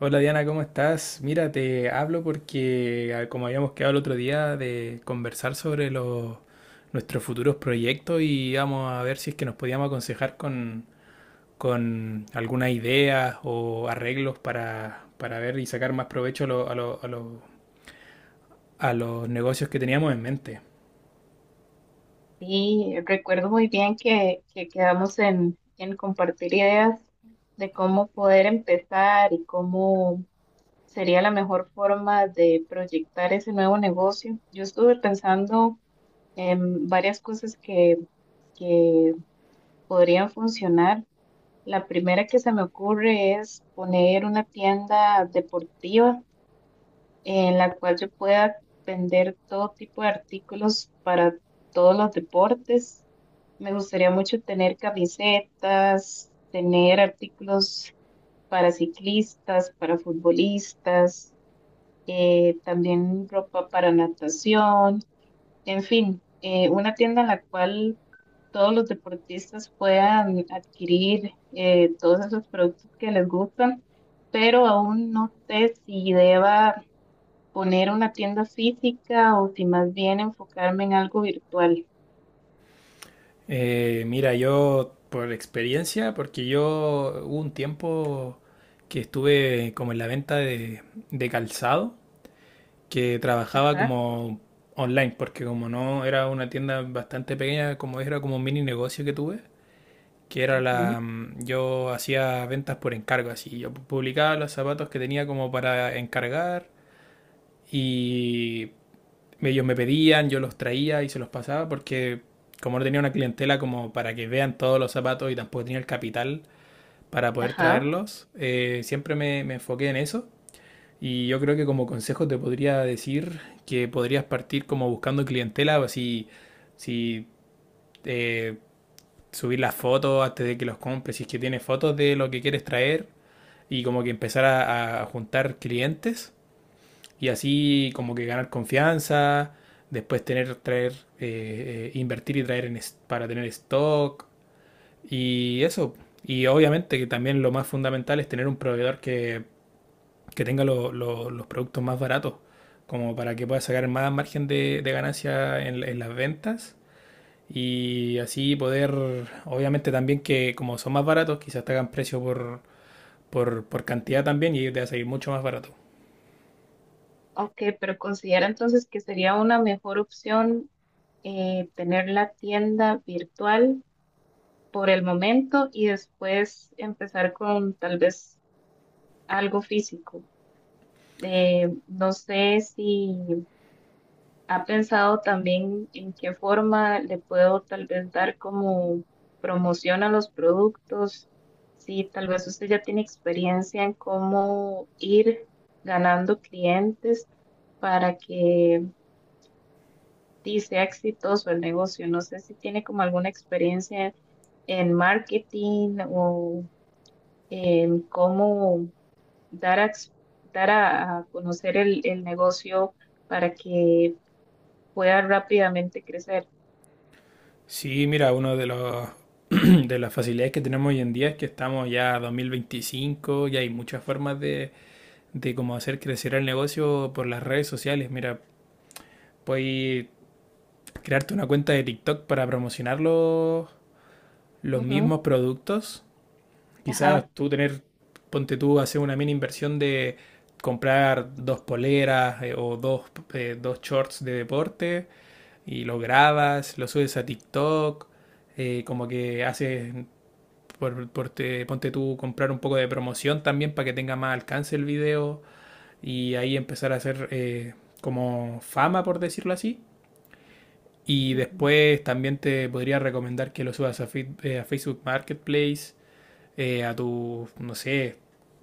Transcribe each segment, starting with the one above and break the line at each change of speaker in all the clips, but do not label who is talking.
Hola Diana, ¿cómo estás? Mira, te hablo porque, como habíamos quedado el otro día, de conversar sobre nuestros futuros proyectos y vamos a ver si es que nos podíamos aconsejar con algunas ideas o arreglos para ver y sacar más provecho a los negocios que teníamos en mente.
Sí, recuerdo muy bien que quedamos en compartir ideas de cómo poder empezar y cómo sería la mejor forma de proyectar ese nuevo negocio. Yo estuve pensando en varias cosas que podrían funcionar. La primera que se me ocurre es poner una tienda deportiva en la cual yo pueda vender todo tipo de artículos para todos los deportes. Me gustaría mucho tener camisetas, tener artículos para ciclistas, para futbolistas, también ropa para natación, en fin, una tienda en la cual todos los deportistas puedan adquirir todos esos productos que les gustan, pero aún no sé si deba poner una tienda física o si más bien enfocarme en algo virtual.
Mira, yo por experiencia, porque yo hubo un tiempo que estuve como en la venta de calzado. Que trabajaba
Ajá,
como online, porque como no era una tienda bastante pequeña, como era como un mini negocio que tuve, que era
ujú,
yo hacía ventas por encargo, así, yo publicaba los zapatos que tenía como para encargar y ellos me pedían, yo los traía y se los pasaba porque como no tenía una clientela como para que vean todos los zapatos y tampoco tenía el capital para poder
ajá.
traerlos, siempre me enfoqué en eso y yo creo que como consejo te podría decir que podrías partir como buscando clientela, así, si si, eh, subir las fotos antes de que los compres, si es que tienes fotos de lo que quieres traer y como que empezar a juntar clientes y así como que ganar confianza, después tener, invertir y traer en para tener stock y eso. Y obviamente que también lo más fundamental es tener un proveedor que tenga los productos más baratos, como para que pueda sacar más margen de ganancia en las ventas y así poder, obviamente también que como son más baratos, quizás te hagan precio por cantidad también y te va a salir mucho más barato.
Ok, pero considera entonces que sería una mejor opción, tener la tienda virtual por el momento y después empezar con tal vez algo físico. No sé si ¿Ha pensado también en qué forma le puedo tal vez dar como promoción a los productos? Sí, tal vez usted ya tiene experiencia en cómo ir ganando clientes para que sí, sea exitoso el negocio. No sé si tiene como alguna experiencia en marketing o en cómo dar a, ex- dar a conocer el negocio para que pueda rápidamente crecer.
Sí, mira, uno de los... De las facilidades que tenemos hoy en día es que estamos ya a 2025 y hay muchas formas de cómo hacer crecer el negocio por las redes sociales. Mira, puedes crearte una cuenta de TikTok para promocionarlo los
Ujú,
mismos productos. Quizás
ajá,
tú tener, ponte tú, hacer una mini inversión de comprar dos poleras o dos shorts de deporte y los grabas, los subes a TikTok, como que haces, por te- ponte tú, comprar un poco de promoción también para que tenga más alcance el video y ahí empezar a hacer como fama, por decirlo así. Y
ujú,
después también te podría recomendar que lo subas a Facebook Marketplace, a tu, no sé,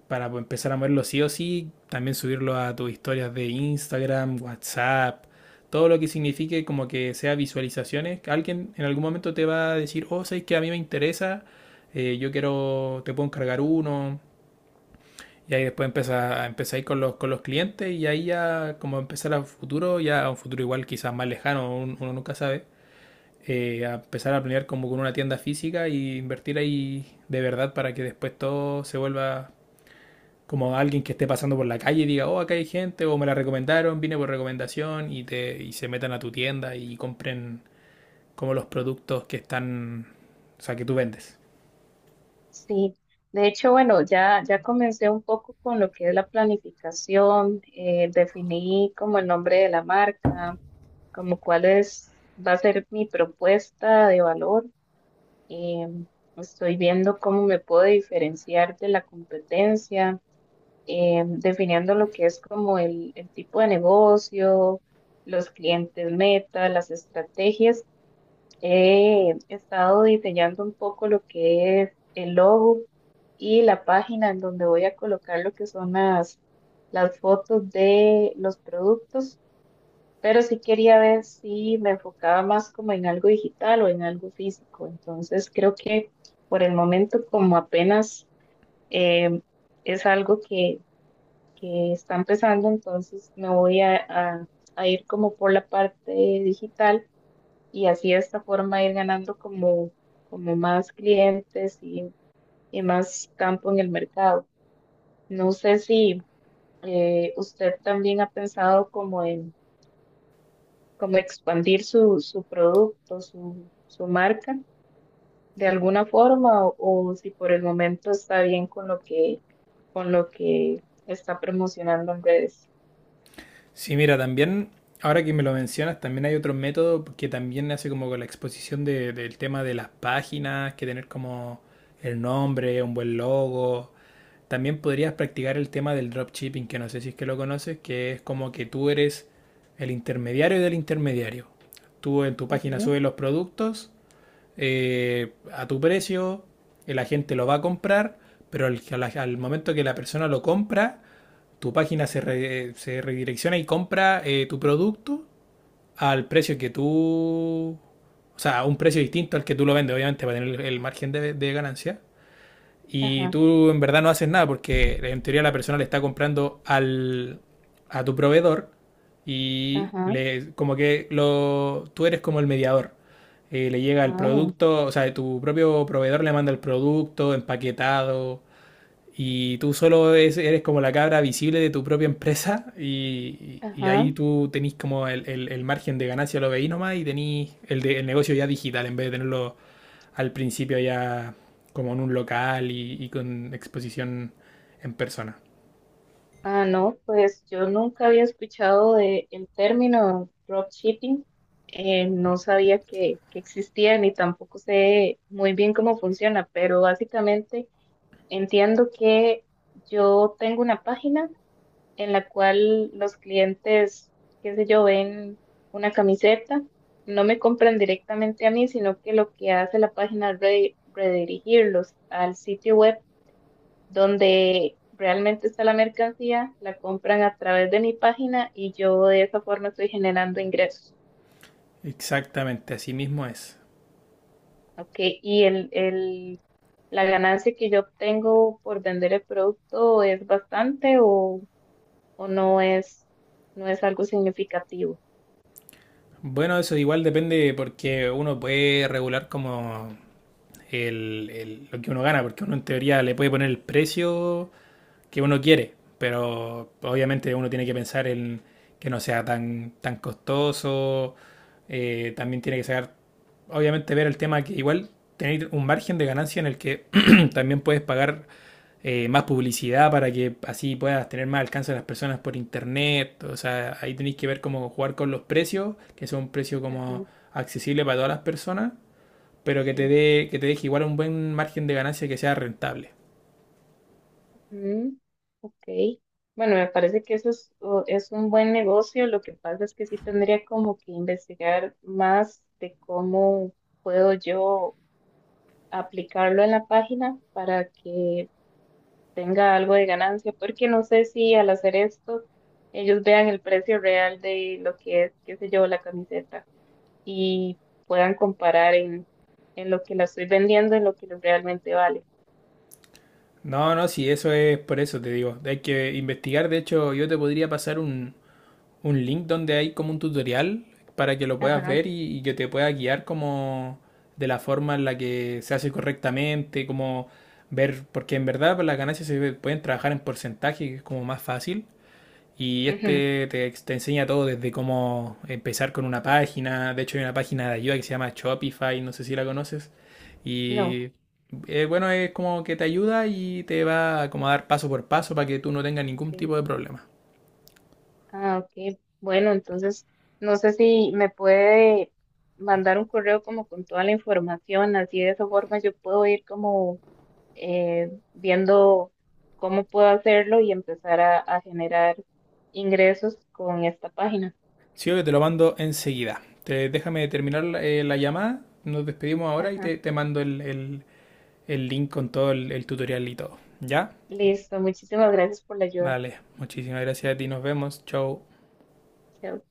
para empezar a moverlo sí o sí, también subirlo a tus historias de Instagram, WhatsApp, todo lo que signifique como que sea visualizaciones. Alguien en algún momento te va a decir, oh, sabes que a mí me interesa, yo quiero, te puedo encargar uno. Y ahí después empieza a ir con con los clientes y ahí ya como empezar a futuro, ya a un futuro igual quizás más lejano, uno nunca sabe, a empezar a planear como con una tienda física y invertir ahí de verdad para que después todo se vuelva como alguien que esté pasando por la calle y diga, oh, acá hay gente, o me la recomendaron, vine por recomendación, y se metan a tu tienda y compren como los productos que están, o sea, que tú vendes.
sí. De hecho, bueno, ya comencé un poco con lo que es la planificación. Definí como el nombre de la marca, como cuál es, va a ser mi propuesta de valor. em, Estoy viendo cómo me puedo diferenciar de la competencia, definiendo lo que es como el tipo de negocio, los clientes meta, las estrategias. He estado diseñando un poco lo que es el logo y la página en donde voy a colocar lo que son las fotos de los productos, pero sí quería ver si me enfocaba más como en algo digital o en algo físico. Entonces creo que por el momento como apenas eh, es algo que está empezando, entonces me voy a a ir como por la parte digital y así de esta forma ir ganando como, como más clientes y más campo en el mercado. No sé si usted también ha pensado como en como expandir su producto, su marca de alguna forma o si por el momento está bien con lo con lo que está promocionando en redes.
Sí, mira, también, ahora que me lo mencionas, también hay otro método que también hace como con la exposición del tema de las páginas, que tener como el nombre, un buen logo. También podrías practicar el tema del dropshipping, que no sé si es que lo conoces, que es como que tú eres el intermediario del intermediario. Tú en tu página
Ujú,
subes los productos a tu precio, la gente lo va a comprar, pero al momento que la persona lo compra, tu página se, re- se redirecciona y compra tu producto al precio que tú, o sea, a un precio distinto al que tú lo vendes, obviamente, para tener el margen de ganancia. Y
ajá,
tú en verdad no haces nada porque en teoría la persona le está comprando al, a tu proveedor y
ajá,
le, como que lo, tú eres como el mediador. Le llega el
ah,
producto, o sea, tu propio proveedor le manda el producto empaquetado, y tú solo eres como la cabra visible de tu propia empresa y
ajá.
ahí tú tenés como el el margen de ganancia, lo veís nomás y tenés el negocio ya digital en vez de tenerlo al principio ya como en un local y con exposición en persona.
Ah, no, pues yo nunca había escuchado de el término dropshipping. No sabía que existía ni tampoco sé muy bien cómo funciona, pero básicamente entiendo que yo tengo una página en la cual los clientes, qué sé yo, ven una camiseta, no me compran directamente a mí, sino que lo que hace la página es redirigirlos al sitio web donde realmente está la mercancía, la compran a través de mi página y yo de esa forma estoy generando ingresos,
Exactamente, así mismo es.
¿ok? Y la ganancia que yo obtengo por vender el producto es bastante o, o no es, no es algo significativo.
Bueno, eso igual depende porque uno puede regular como lo que uno gana, porque uno en teoría le puede poner el precio que uno quiere, pero obviamente uno tiene que pensar en que no sea tan costoso, también tiene que sacar, obviamente ver el tema que igual tener un margen de ganancia en el que también puedes pagar más publicidad para que así puedas tener más alcance a las personas por internet, o sea, ahí tenéis que ver cómo jugar con los precios, que sea un precio como
Ajá,
accesible para todas las personas, pero que te
sí.
dé que te deje igual un buen margen de ganancia que sea rentable.
Mm, ok. Bueno, me parece que es un buen negocio. Lo que pasa es que sí tendría como que investigar más de cómo puedo yo aplicarlo en la página para que tenga algo de ganancia, porque no sé si al hacer esto ellos vean el precio real de lo que es, qué sé yo, la camiseta y puedan comparar en lo que la estoy vendiendo, en lo que realmente vale.
No, no, sí, eso es, por eso te digo. Hay que investigar. De hecho, yo te podría pasar un link donde hay como un tutorial para que lo puedas
Ajá,
ver y que te pueda guiar como de la forma en la que se hace correctamente, como ver, porque en verdad pues, las ganancias se pueden trabajar en porcentaje, que es como más fácil. Y
ujú,
este te enseña todo desde cómo empezar con una página. De hecho, hay una página de ayuda que se llama Shopify, no sé si la conoces.
no,
Y bueno, es como que te ayuda y te va como a dar paso por paso para que tú no tengas ningún
ok.
tipo de problema.
Ah, ok. Bueno, entonces no sé si me puede mandar un correo como con toda la información, así de esa forma yo puedo ir como, viendo cómo puedo hacerlo y empezar a generar ingresos con esta página.
Sí, que te lo mando enseguida. Te, déjame terminar la llamada. Nos despedimos ahora
Ajá.
te mando el link con todo el tutorial y todo. ¿Ya?
Listo, muchísimas gracias por la ayuda.
Vale, muchísimas gracias a ti. Nos vemos. Chau.
Chao.